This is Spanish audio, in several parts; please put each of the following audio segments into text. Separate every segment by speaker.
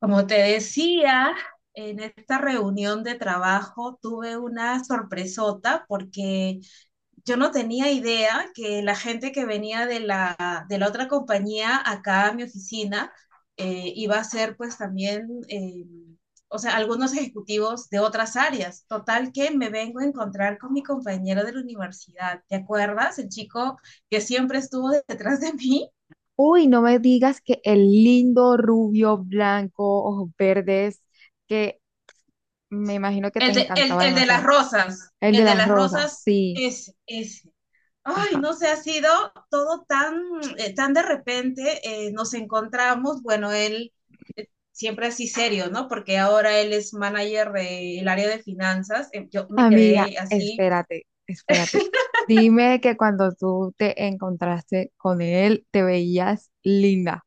Speaker 1: Como te decía, en esta reunión de trabajo tuve una sorpresota porque yo no tenía idea que la gente que venía de la otra compañía acá a mi oficina iba a ser pues también, o sea, algunos ejecutivos de otras áreas. Total que me vengo a encontrar con mi compañero de la universidad, ¿te acuerdas? El chico que siempre estuvo detrás de mí.
Speaker 2: Uy, no me digas que el lindo rubio blanco, ojos verdes, que me imagino que te
Speaker 1: El de, el,
Speaker 2: encantaba
Speaker 1: el de las
Speaker 2: demasiado.
Speaker 1: rosas,
Speaker 2: El de
Speaker 1: el de
Speaker 2: las
Speaker 1: las
Speaker 2: rosas,
Speaker 1: rosas,
Speaker 2: sí.
Speaker 1: ese, ese. Ay,
Speaker 2: Ajá.
Speaker 1: no sé, ha sido todo tan de repente, nos encontramos, bueno, él siempre así serio, ¿no? Porque ahora él es manager del área de finanzas. Yo me
Speaker 2: Amiga,
Speaker 1: quedé así.
Speaker 2: espérate, espérate. Dime que cuando tú te encontraste con él, te veías linda.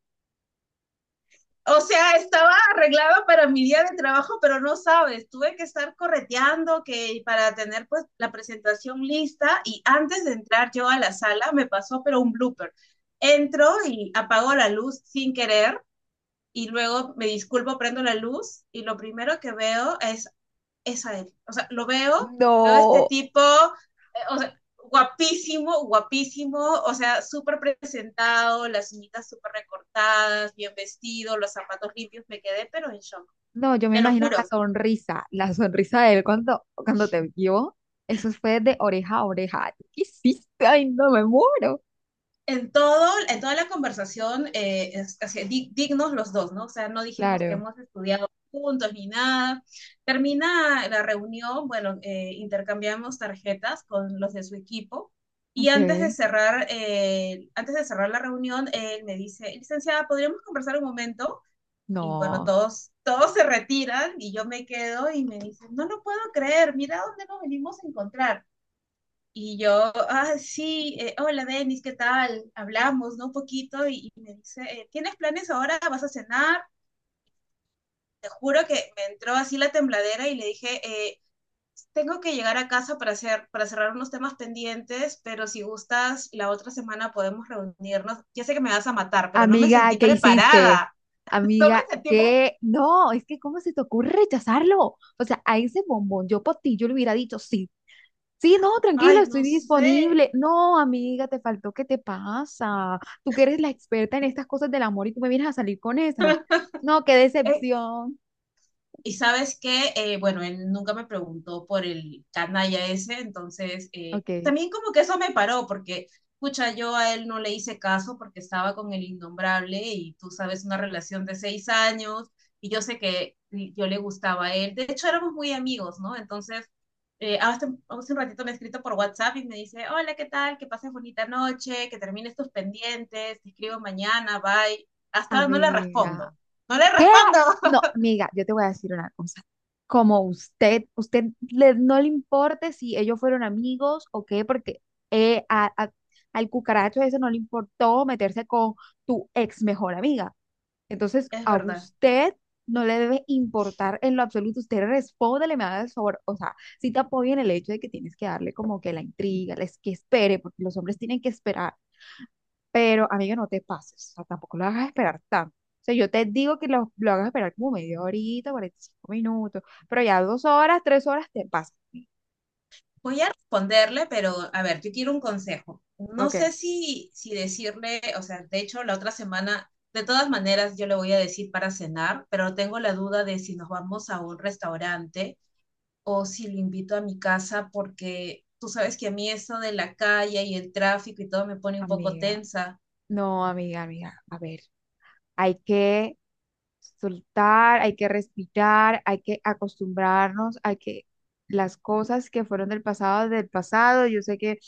Speaker 1: O sea, estaba arreglada para mi día de trabajo, pero no sabes, tuve que estar correteando que para tener pues la presentación lista, y antes de entrar yo a la sala me pasó pero un blooper. Entro y apago la luz sin querer y luego me disculpo, prendo la luz y lo primero que veo es a él. O sea, lo veo, veo este
Speaker 2: No,
Speaker 1: tipo, o sea, guapísimo, guapísimo, o sea, súper presentado, las uñitas súper recortadas, bien vestido, los zapatos limpios, me quedé, pero en shock.
Speaker 2: no, yo me
Speaker 1: Te lo
Speaker 2: imagino la
Speaker 1: juro,
Speaker 2: sonrisa, la sonrisa de él cuando te vio. Eso fue de oreja a oreja. ¿Qué hiciste? Ay, no me muero.
Speaker 1: en toda la conversación, así, dignos los dos, ¿no? O sea, no dijimos que
Speaker 2: Claro.
Speaker 1: hemos estudiado juntos ni nada. Termina la reunión, bueno, intercambiamos tarjetas con los de su equipo. Y
Speaker 2: Ok.
Speaker 1: antes de cerrar la reunión, él me dice, licenciada, ¿podríamos conversar un momento? Y bueno,
Speaker 2: No.
Speaker 1: todos se retiran y yo me quedo y me dicen, no lo puedo creer, mira dónde nos venimos a encontrar. Y yo, ah, sí, hola Denis, ¿qué tal? Hablamos, ¿no? Un poquito y me dice, ¿tienes planes ahora? ¿Vas a cenar? Te juro que me entró así la tembladera y le dije, eh, tengo que llegar a casa para cerrar unos temas pendientes, pero si gustas, la otra semana podemos reunirnos. Ya sé que me vas a matar, pero no me
Speaker 2: Amiga,
Speaker 1: sentí
Speaker 2: ¿qué hiciste?
Speaker 1: preparada. No me
Speaker 2: Amiga,
Speaker 1: sentí preparada.
Speaker 2: ¿qué? No, es que ¿cómo se te ocurre rechazarlo? O sea, a ese bombón, yo por ti, yo le hubiera dicho, sí, sí, no, tranquilo,
Speaker 1: Ay,
Speaker 2: estoy
Speaker 1: no sé.
Speaker 2: disponible. No, amiga, te faltó, ¿qué te pasa? Tú que eres la experta en estas cosas del amor y tú me vienes a salir con esas. No, qué
Speaker 1: Eh,
Speaker 2: decepción.
Speaker 1: Y sabes que, bueno, él nunca me preguntó por el canalla ese, entonces
Speaker 2: Ok,
Speaker 1: también como que eso me paró, porque, escucha, yo a él no le hice caso porque estaba con el innombrable y tú sabes, una relación de 6 años, y yo sé que yo le gustaba a él. De hecho, éramos muy amigos, ¿no? Entonces, hace un ratito me ha escrito por WhatsApp y me dice, hola, ¿qué tal? Que pases bonita noche, que termines tus pendientes, te escribo mañana, bye. Hasta no le
Speaker 2: amiga.
Speaker 1: respondo. No le
Speaker 2: ¿Qué?
Speaker 1: respondo.
Speaker 2: No, amiga, yo te voy a decir una cosa. Como usted no le importe si ellos fueron amigos o qué, porque eh, a- a- al cucaracho ese no le importó meterse con tu ex mejor amiga. Entonces,
Speaker 1: Es
Speaker 2: a
Speaker 1: verdad.
Speaker 2: usted no le debe importar en lo absoluto. Usted respóndele, me haga el favor. O sea, si te apoya en el hecho de que tienes que darle como que la intriga, les que espere, porque los hombres tienen que esperar. Pero, amiga, no te pases, o sea, tampoco lo hagas esperar tanto. O sea, yo te digo que lo hagas esperar como media horita, 45 minutos, pero ya 2 horas, 3 horas te pasas. ¿Sí?
Speaker 1: Voy a responderle, pero a ver, yo quiero un consejo. No sé
Speaker 2: Ok,
Speaker 1: si decirle, o sea, de hecho, la otra semana, de todas maneras, yo le voy a decir para cenar, pero tengo la duda de si nos vamos a un restaurante o si lo invito a mi casa, porque tú sabes que a mí eso de la calle y el tráfico y todo me pone un poco
Speaker 2: amiga,
Speaker 1: tensa.
Speaker 2: no, amiga, amiga, a ver, hay que soltar, hay que respirar, hay que acostumbrarnos, hay que las cosas que fueron del pasado, yo sé que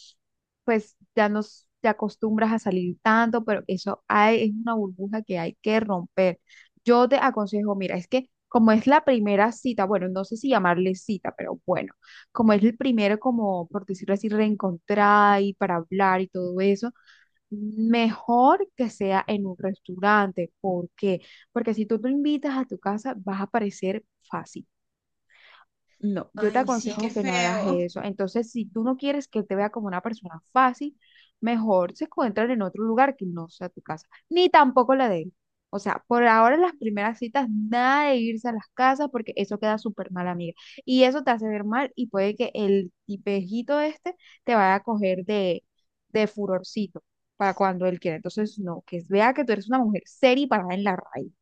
Speaker 2: pues ya nos te acostumbras a salir tanto, pero eso hay, es una burbuja que hay que romper. Yo te aconsejo, mira, es que como es la primera cita, bueno, no sé si llamarle cita, pero bueno, como es el primero, como por decirlo así, reencontrar y para hablar y todo eso. Mejor que sea en un restaurante. ¿Por qué? Porque si tú lo invitas a tu casa, vas a parecer fácil. No, yo te
Speaker 1: Ay, sí, qué
Speaker 2: aconsejo que no hagas
Speaker 1: feo.
Speaker 2: eso. Entonces, si tú no quieres que él te vea como una persona fácil, mejor se encuentran en otro lugar que no sea tu casa, ni tampoco la de él. O sea, por ahora en las primeras citas, nada de irse a las casas porque eso queda súper mal, amiga. Y eso te hace ver mal y puede que el tipejito este te vaya a coger de furorcito para cuando él quiera. Entonces, no, que vea que tú eres una mujer seria y parada en la raíz.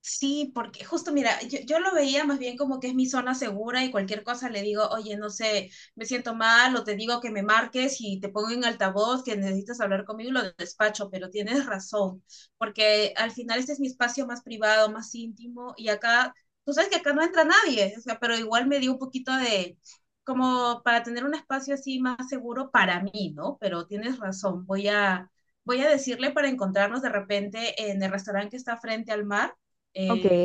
Speaker 1: Sí, porque justo mira, yo lo veía más bien como que es mi zona segura y cualquier cosa le digo, oye, no sé, me siento mal, o te digo que me marques y te pongo en altavoz, que necesitas hablar conmigo, lo despacho, pero tienes razón, porque al final este es mi espacio más privado, más íntimo, y acá, tú sabes que acá no entra nadie, o sea, pero igual me dio un poquito de, como para tener un espacio así más seguro para mí, ¿no? Pero tienes razón, voy a decirle para encontrarnos de repente en el restaurante que está frente al mar.
Speaker 2: Ok.
Speaker 1: eh,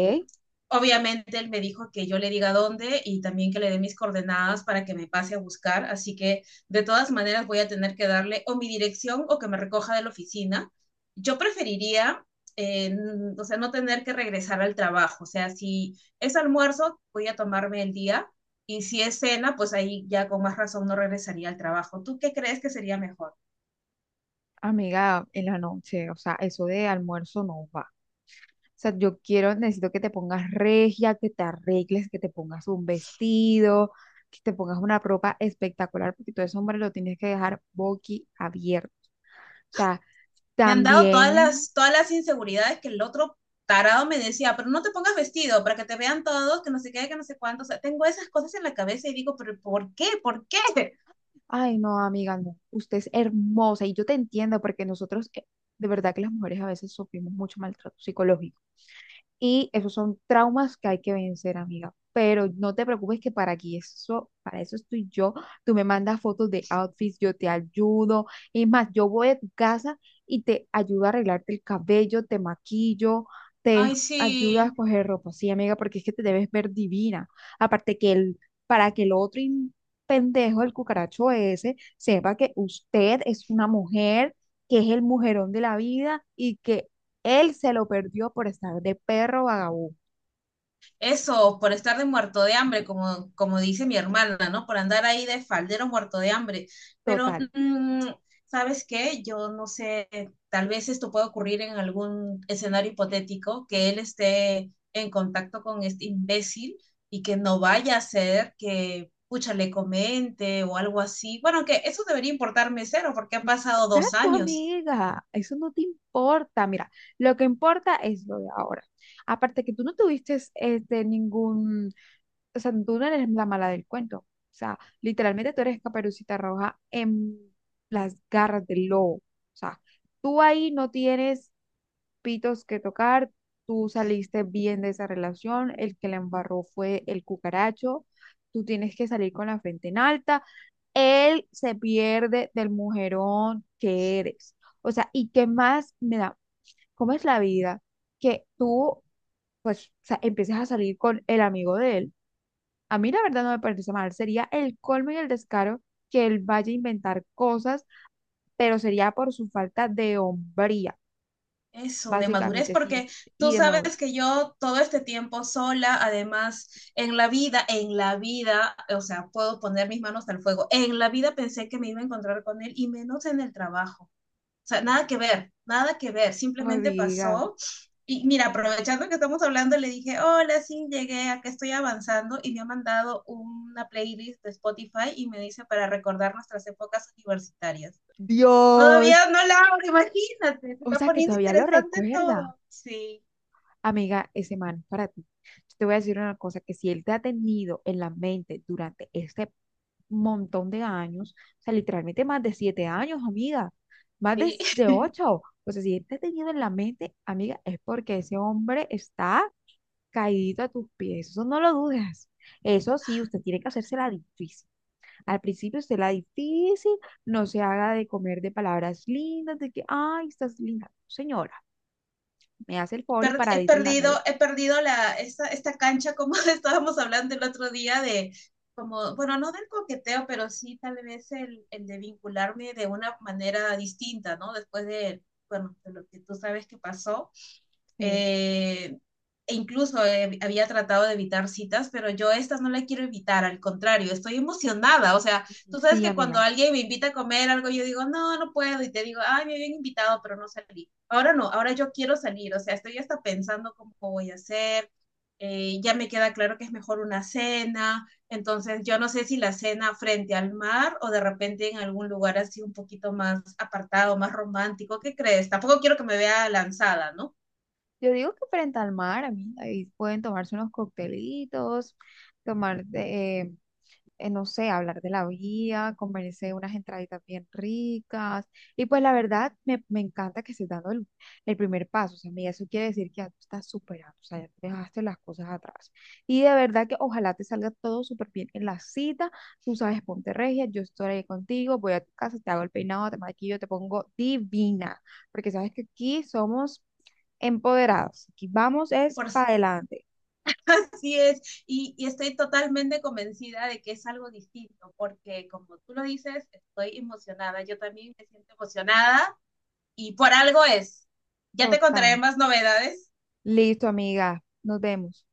Speaker 1: Obviamente él me dijo que yo le diga dónde y también que le dé mis coordenadas para que me pase a buscar, así que de todas maneras voy a tener que darle o mi dirección o que me recoja de la oficina. Yo preferiría, eh, o sea, no tener que regresar al trabajo. O sea, si es almuerzo, voy a tomarme el día. Y si es cena, pues ahí ya con más razón no regresaría al trabajo. ¿Tú qué crees que sería mejor?
Speaker 2: Amiga, en la noche, o sea, eso de almuerzo no va. O sea, yo quiero, necesito que te pongas regia, que te arregles, que te pongas un vestido, que te pongas una ropa espectacular, porque todo ese hombre lo tienes que dejar abierto. O sea,
Speaker 1: Me han dado todas
Speaker 2: también,
Speaker 1: las, todas las inseguridades que el otro tarado me decía, pero no te pongas vestido para que te vean todos, que no sé qué, que no sé cuánto. O sea, tengo esas cosas en la cabeza y digo, pero ¿por qué? ¿Por qué?
Speaker 2: ay, no, amiga, no, usted es hermosa y yo te entiendo porque nosotros, de verdad que las mujeres a veces sufrimos mucho maltrato psicológico. Y esos son traumas que hay que vencer, amiga. Pero no te preocupes que para aquí eso, para eso estoy yo. Tú me mandas fotos de outfits, yo te ayudo. Es más, yo voy a tu casa y te ayudo a arreglarte el cabello, te maquillo, te
Speaker 1: Ay,
Speaker 2: ayudo a
Speaker 1: sí,
Speaker 2: escoger ropa. Sí, amiga, porque es que te debes ver divina. Aparte que para que el otro pendejo, el cucaracho ese, sepa que usted es una mujer, que es el mujerón de la vida y que él se lo perdió por estar de perro vagabundo.
Speaker 1: eso, por estar de muerto de hambre, como dice mi hermana, ¿no? Por andar ahí de faldero muerto de hambre. Pero,
Speaker 2: Total.
Speaker 1: ¿sabes qué? Yo no sé, tal vez esto pueda ocurrir en algún escenario hipotético, que él esté en contacto con este imbécil y que no vaya a ser que pucha, le comente o algo así. Bueno, que eso debería importarme cero porque ha pasado dos
Speaker 2: Exacto,
Speaker 1: años.
Speaker 2: amiga. Eso no te importa. Mira, lo que importa es lo de ahora. Aparte que tú no tuviste ningún, o sea, tú no eres la mala del cuento. O sea, literalmente tú eres Caperucita Roja en las garras del lobo. O sea, tú ahí no tienes pitos que tocar, tú saliste bien de esa relación, el que la embarró fue el cucaracho, tú tienes que salir con la frente en alta, él se pierde del mujerón que eres. O sea, ¿y qué más me da? ¿Cómo es la vida? Que tú, pues, o sea, empieces a salir con el amigo de él. A mí la verdad no me parece mal, sería el colmo y el descaro que él vaya a inventar cosas, pero sería por su falta de hombría,
Speaker 1: Eso, de madurez,
Speaker 2: básicamente, sí,
Speaker 1: porque
Speaker 2: y
Speaker 1: tú
Speaker 2: de
Speaker 1: sabes
Speaker 2: madurez.
Speaker 1: que yo todo este tiempo sola, además, en la vida, o sea, puedo poner mis manos al fuego, en la vida pensé que me iba a encontrar con él, y menos en el trabajo. O sea, nada que ver, nada que ver, simplemente
Speaker 2: Amiga,
Speaker 1: pasó. Y mira, aprovechando que estamos hablando, le dije, hola, sí, llegué, acá estoy avanzando, y me ha mandado una playlist de Spotify y me dice para recordar nuestras épocas universitarias.
Speaker 2: Dios,
Speaker 1: Todavía no la abro, imagínate, se
Speaker 2: o
Speaker 1: está
Speaker 2: sea que
Speaker 1: poniendo
Speaker 2: todavía lo
Speaker 1: interesante
Speaker 2: recuerda.
Speaker 1: todo. Sí,
Speaker 2: Amiga, ese man, para ti, yo te voy a decir una cosa, que si él te ha tenido en la mente durante este montón de años, o sea, literalmente más de 7 años, amiga, más
Speaker 1: sí.
Speaker 2: de ocho, o sea, si él te ha tenido en la mente, amiga, es porque ese hombre está caído a tus pies, eso no lo dudes. Eso sí, usted tiene que hacerse la difícil. Al principio se la difícil, no se haga de comer de palabras lindas, de que, ay, estás linda. Señora, me hace el favor y
Speaker 1: Per- he
Speaker 2: paradita en la
Speaker 1: perdido,
Speaker 2: calle.
Speaker 1: he perdido esta cancha, como estábamos hablando el otro día de, como, bueno, no del coqueteo, pero sí tal vez el de vincularme de una manera distinta, ¿no? Después de, bueno, de lo que tú sabes que pasó.
Speaker 2: Sí,
Speaker 1: eh, e incluso había tratado de evitar citas, pero yo estas no la quiero evitar, al contrario, estoy emocionada. O sea, tú sabes
Speaker 2: sí,
Speaker 1: que cuando
Speaker 2: amiga.
Speaker 1: alguien me invita a comer algo, yo digo, no, no puedo, y te digo, ay, me habían invitado, pero no salí. Ahora no, ahora yo quiero salir, o sea, estoy hasta pensando cómo voy a hacer. Ya me queda claro que es mejor una cena, entonces yo no sé si la cena frente al mar o de repente en algún lugar así un poquito más apartado, más romántico, ¿qué crees? Tampoco quiero que me vea lanzada, ¿no?
Speaker 2: Yo digo que frente al mar, amiga, ahí pueden tomarse unos coctelitos, tomar no sé, hablar de la vida, comerse unas entraditas bien ricas. Y pues la verdad, me encanta que estés dando el primer paso. O sea, mira, eso quiere decir que ya tú estás superando, o sea, ya dejaste las cosas atrás. Y de verdad que ojalá te salga todo súper bien en la cita. Tú sabes, ponte regia, yo estoy ahí contigo, voy a tu casa, te hago el peinado, te maquillo, te pongo divina, porque sabes que aquí somos empoderados. Aquí vamos es
Speaker 1: Por,
Speaker 2: para adelante.
Speaker 1: Así es, y, estoy totalmente convencida de que es algo distinto, porque como tú lo dices, estoy emocionada, yo también me siento emocionada, y por algo es. Ya te contaré
Speaker 2: Total.
Speaker 1: más novedades.
Speaker 2: Listo, amiga. Nos vemos.